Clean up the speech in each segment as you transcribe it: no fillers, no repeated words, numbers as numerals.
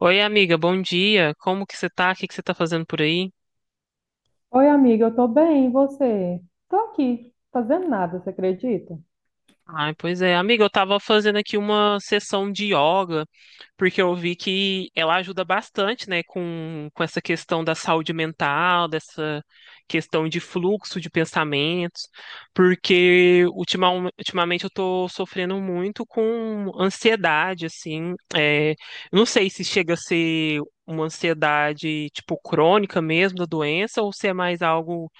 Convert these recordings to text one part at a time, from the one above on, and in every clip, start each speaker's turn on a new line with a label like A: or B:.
A: Oi, amiga, bom dia. Como que você tá? O que que você tá fazendo por aí?
B: Oi, amiga, eu tô bem, e você? Tô aqui, fazendo nada, você acredita?
A: Ai, pois é, amiga, eu tava fazendo aqui uma sessão de yoga, porque eu vi que ela ajuda bastante, né, com essa questão da saúde mental, dessa questão de fluxo de pensamentos, porque ultima, ultimamente eu tô sofrendo muito com ansiedade, assim, eu não sei se chega a ser uma ansiedade, tipo, crônica mesmo da doença, ou se é mais algo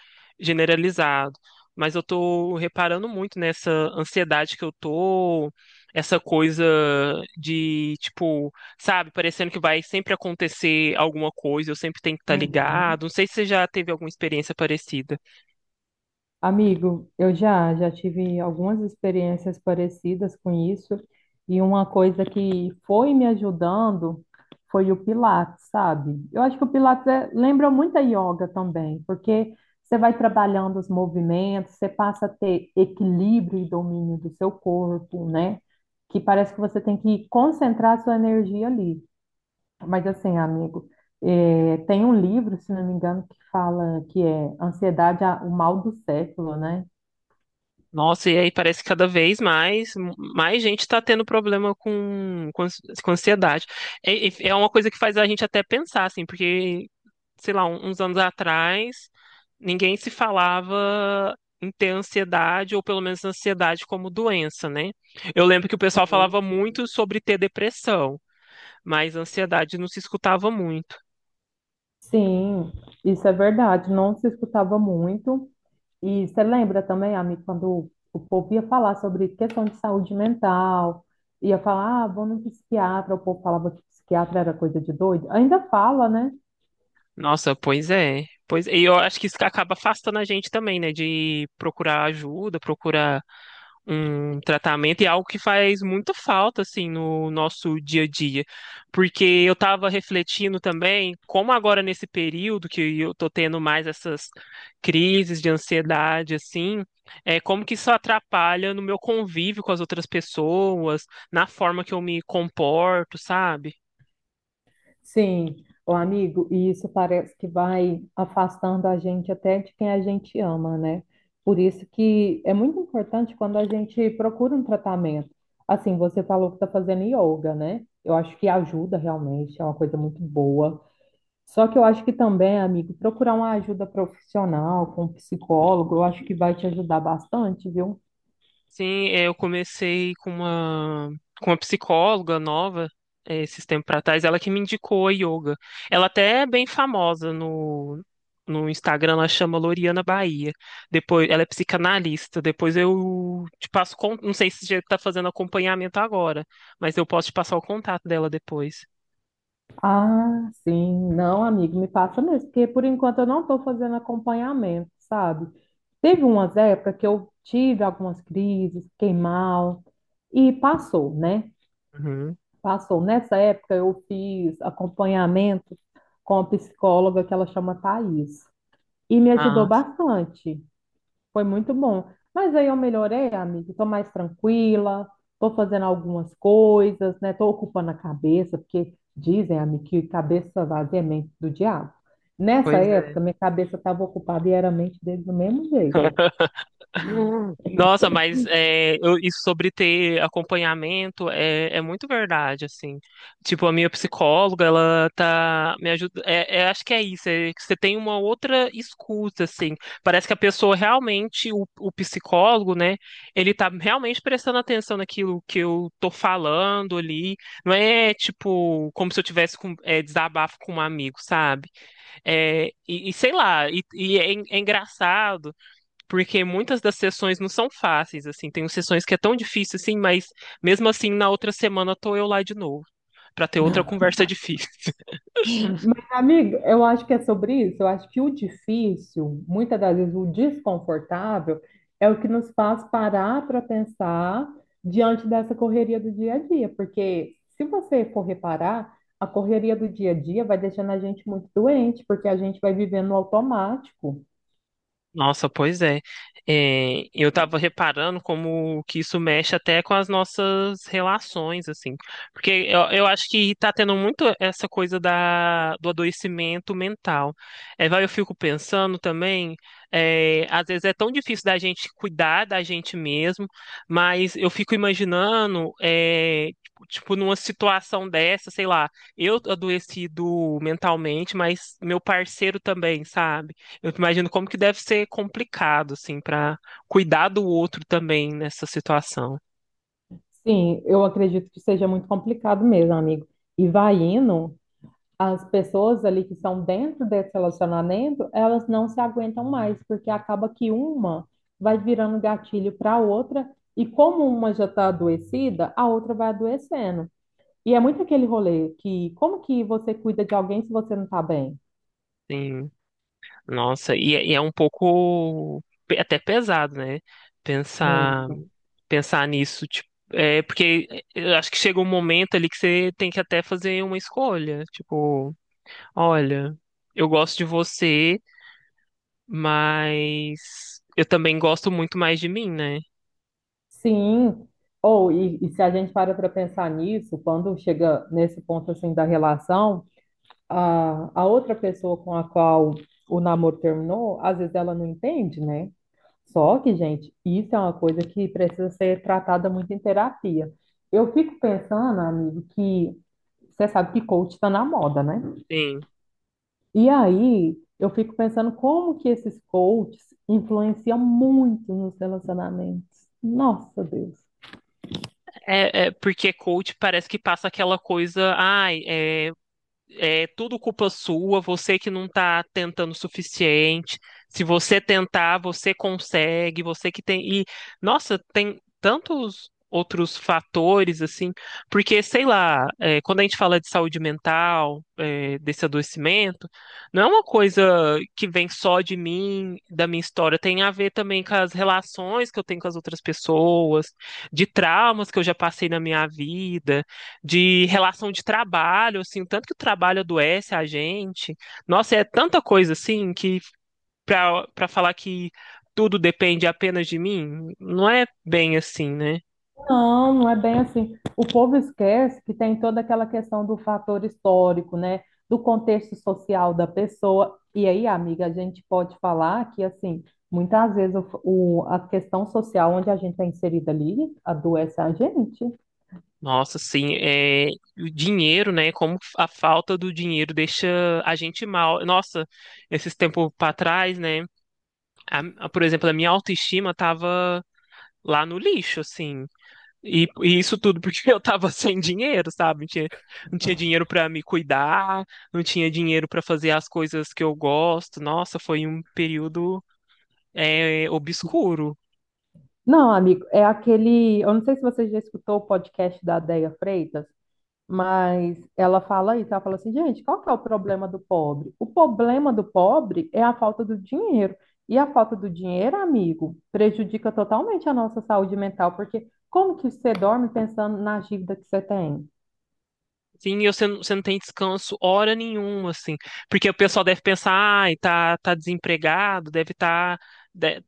A: generalizado, mas eu tô reparando muito nessa ansiedade que eu tô, essa coisa de, tipo, sabe, parecendo que vai sempre acontecer alguma coisa, eu sempre tenho que estar
B: Uhum.
A: ligado. Não sei se você já teve alguma experiência parecida.
B: Amigo, eu já tive algumas experiências parecidas com isso, e uma coisa que foi me ajudando foi o Pilates, sabe? Eu acho que o lembra muito a yoga também, porque você vai trabalhando os movimentos, você passa a ter equilíbrio e domínio do seu corpo, né? Que parece que você tem que concentrar a sua energia ali. Mas assim, amigo, tem um livro, se não me engano, que fala que é Ansiedade, o mal do século, né?
A: Nossa, e aí parece que cada vez mais, mais gente está tendo problema com ansiedade. É, é uma coisa que faz a gente até pensar, assim, porque, sei lá, uns anos atrás, ninguém se falava em ter ansiedade, ou pelo menos ansiedade como doença, né? Eu lembro que o pessoal
B: Sim.
A: falava muito sobre ter depressão, mas ansiedade não se escutava muito.
B: Sim, isso é verdade. Não se escutava muito. E você lembra também, amigo, quando o povo ia falar sobre questão de saúde mental, ia falar, ah, vou no psiquiatra, o povo falava que psiquiatra era coisa de doido. Ainda fala, né?
A: Nossa, pois é. Pois, e eu acho que isso acaba afastando a gente também, né? De procurar ajuda, procurar um tratamento, e é algo que faz muita falta assim no nosso dia a dia, porque eu estava refletindo também como agora nesse período que eu tô tendo mais essas crises de ansiedade assim, é como que isso atrapalha no meu convívio com as outras pessoas, na forma que eu me comporto, sabe?
B: Sim, o amigo, e isso parece que vai afastando a gente até de quem a gente ama, né? Por isso que é muito importante quando a gente procura um tratamento. Assim, você falou que está fazendo yoga, né? Eu acho que ajuda realmente, é uma coisa muito boa. Só que eu acho que também, amigo, procurar uma ajuda profissional com um psicólogo, eu acho que vai te ajudar bastante, viu?
A: Sim, eu comecei com uma psicóloga nova, é, esses tempos para trás, ela que me indicou a yoga. Ela até é bem famosa no Instagram, ela chama Loriana Bahia. Depois, ela é psicanalista. Depois eu te passo, não sei se você está fazendo acompanhamento agora, mas eu posso te passar o contato dela depois.
B: Ah, sim. Não, amigo, me passa mesmo, porque por enquanto eu não estou fazendo acompanhamento, sabe? Teve umas épocas que eu tive algumas crises, fiquei mal, e passou, né?
A: Uhum.
B: Passou. Nessa época eu fiz acompanhamento com a psicóloga que ela chama Thaís, e me ajudou
A: Ah,
B: bastante. Foi muito bom. Mas aí eu melhorei, amiga. Tô mais tranquila, tô fazendo algumas coisas, né? Tô ocupando a cabeça, porque dizem, amiga, que cabeça vazia é mente do diabo. Nessa
A: pois é.
B: época, minha cabeça estava ocupada e era mente dele do mesmo jeito.
A: Nossa, mas é, isso sobre ter acompanhamento é muito verdade, assim. Tipo, a minha psicóloga, ela tá me ajudando. Acho que é isso, é que você tem uma outra escuta, assim. Parece que a pessoa realmente, o psicólogo, né, ele tá realmente prestando atenção naquilo que eu tô falando ali. Não é, tipo, como se eu tivesse com, é, desabafo com um amigo, sabe? E sei lá, é engraçado, porque muitas das sessões não são fáceis, assim, tem sessões que é tão difícil assim, mas mesmo assim na outra semana tô eu lá de novo, para ter outra conversa difícil.
B: Mas, amigo, eu acho que é sobre isso. Eu acho que o difícil, muitas das vezes o desconfortável, é o que nos faz parar para pensar diante dessa correria do dia a dia. Porque se você for reparar, a correria do dia a dia vai deixando a gente muito doente, porque a gente vai vivendo no automático.
A: Nossa, pois é. É, eu tava reparando como que isso mexe até com as nossas relações, assim. Porque eu acho que tá tendo muito essa coisa do adoecimento mental. É, vai, eu fico pensando também, é, às vezes é tão difícil da gente cuidar da gente mesmo, mas eu fico imaginando, é, tipo, numa situação dessa, sei lá, eu adoecido mentalmente, mas meu parceiro também, sabe? Eu imagino como que deve ser complicado, assim, para cuidar do outro também nessa situação.
B: Sim, eu acredito que seja muito complicado mesmo, amigo. E vai indo. As pessoas ali que estão dentro desse relacionamento, elas não se aguentam mais, porque acaba que uma vai virando gatilho para a outra, e como uma já está adoecida, a outra vai adoecendo. E é muito aquele rolê que como que você cuida de alguém se você não está bem?
A: Sim, nossa, e é um pouco até pesado, né? Pensar,
B: Muito.
A: Pensar nisso, tipo, é porque é, eu acho que chega um momento ali que você tem que até fazer uma escolha, tipo, olha, eu gosto de você, mas eu também gosto muito mais de mim, né?
B: Sim. Ou e se a gente para pensar nisso, quando chega nesse ponto assim da relação, a outra pessoa com a qual o namoro terminou, às vezes ela não entende, né? Só que, gente, isso é uma coisa que precisa ser tratada muito em terapia. Eu fico pensando, amigo, que você sabe que coach está na moda, né?
A: Sim.
B: E aí eu fico pensando como que esses coaches influenciam muito nos relacionamentos. Nossa, Deus.
A: Porque coach parece que passa aquela coisa, ai, é tudo culpa sua, você que não está tentando o suficiente. Se você tentar, você consegue, você que tem. E, nossa, tem tantos outros fatores, assim, porque, sei lá, é, quando a gente fala de saúde mental, é, desse adoecimento, não é uma coisa que vem só de mim, da minha história, tem a ver também com as relações que eu tenho com as outras pessoas, de traumas que eu já passei na minha vida, de relação de trabalho, assim, o tanto que o trabalho adoece a gente. Nossa, é tanta coisa assim que para falar que tudo depende apenas de mim, não é bem assim, né?
B: Não, não é bem assim. O povo esquece que tem toda aquela questão do fator histórico, né? Do contexto social da pessoa. E aí, amiga, a gente pode falar que, assim, muitas vezes a questão social onde a gente é inserida ali adoece a gente.
A: Nossa, sim, é, o dinheiro, né? Como a falta do dinheiro deixa a gente mal. Nossa, esses tempos para trás, né? Por exemplo, a minha autoestima tava lá no lixo, assim. E isso tudo porque eu tava sem dinheiro, sabe? Não tinha dinheiro pra me cuidar, não tinha dinheiro pra fazer as coisas que eu gosto. Nossa, foi um período, é, obscuro.
B: Não, amigo, é aquele. Eu não sei se você já escutou o podcast da Déia Freitas. Mas ela fala isso, ela fala assim, gente, qual que é o problema do pobre? O problema do pobre é a falta do dinheiro. E a falta do dinheiro, amigo, prejudica totalmente a nossa saúde mental, porque como que você dorme pensando na dívida que você tem?
A: Sim, e você não tem descanso hora nenhuma, assim. Porque o pessoal deve pensar, ai, tá desempregado,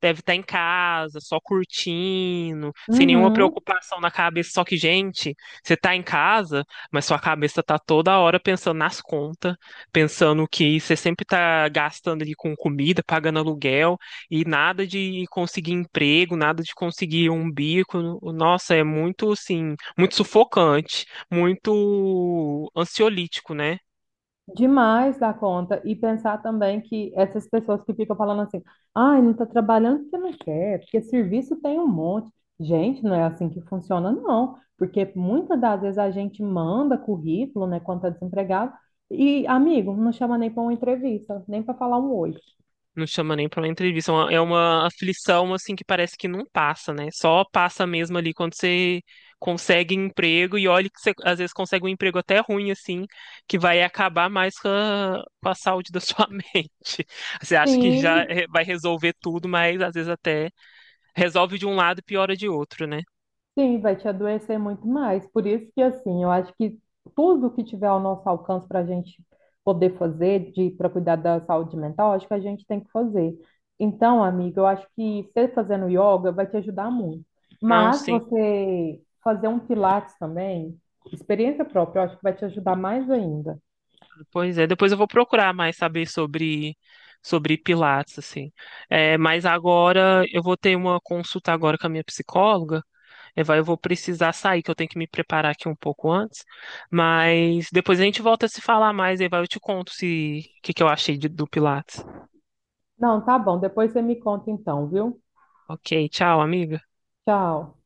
A: deve tá em casa, só curtindo, sem nenhuma
B: Uhum.
A: preocupação na cabeça. Só que, gente, você tá em casa, mas sua cabeça tá toda hora pensando nas contas, pensando que você sempre tá gastando ali com comida, pagando aluguel, e nada de conseguir emprego, nada de conseguir um bico. Nossa, é muito, assim, muito sufocante, muito ansiolítico, né?
B: Demais da conta. E pensar também que essas pessoas que ficam falando assim, ai, não está trabalhando porque não quer, porque serviço tem um monte. Gente, não é assim que funciona, não. Porque muitas das vezes a gente manda currículo, né, quando tá desempregado, e, amigo, não chama nem para uma entrevista, nem para falar um oi.
A: Não chama nem pra uma entrevista. É uma aflição, assim, que parece que não passa, né? Só passa mesmo ali quando você consegue emprego, e olha que você, às vezes, consegue um emprego até ruim, assim, que vai acabar mais com a saúde da sua mente. Você acha que
B: Sim,
A: vai resolver tudo, mas às vezes até resolve de um lado e piora de outro, né?
B: sim, vai te adoecer muito mais. Por isso que, assim, eu acho que tudo que tiver ao nosso alcance para a gente poder fazer de para cuidar da saúde mental, acho que a gente tem que fazer. Então, amiga, eu acho que você fazendo yoga vai te ajudar muito.
A: Não,
B: Mas
A: sim.
B: você fazer um pilates também, experiência própria, eu acho que vai te ajudar mais ainda.
A: Pois é, depois eu vou procurar mais saber sobre Pilates, assim. É, mas agora eu vou ter uma consulta agora com a minha psicóloga. Eu vou precisar sair, que eu tenho que me preparar aqui um pouco antes. Mas depois a gente volta a se falar mais, aí vai, eu te conto se o que, que eu achei do Pilates.
B: Não, tá bom. Depois você me conta então, viu?
A: Ok, tchau, amiga.
B: Tchau.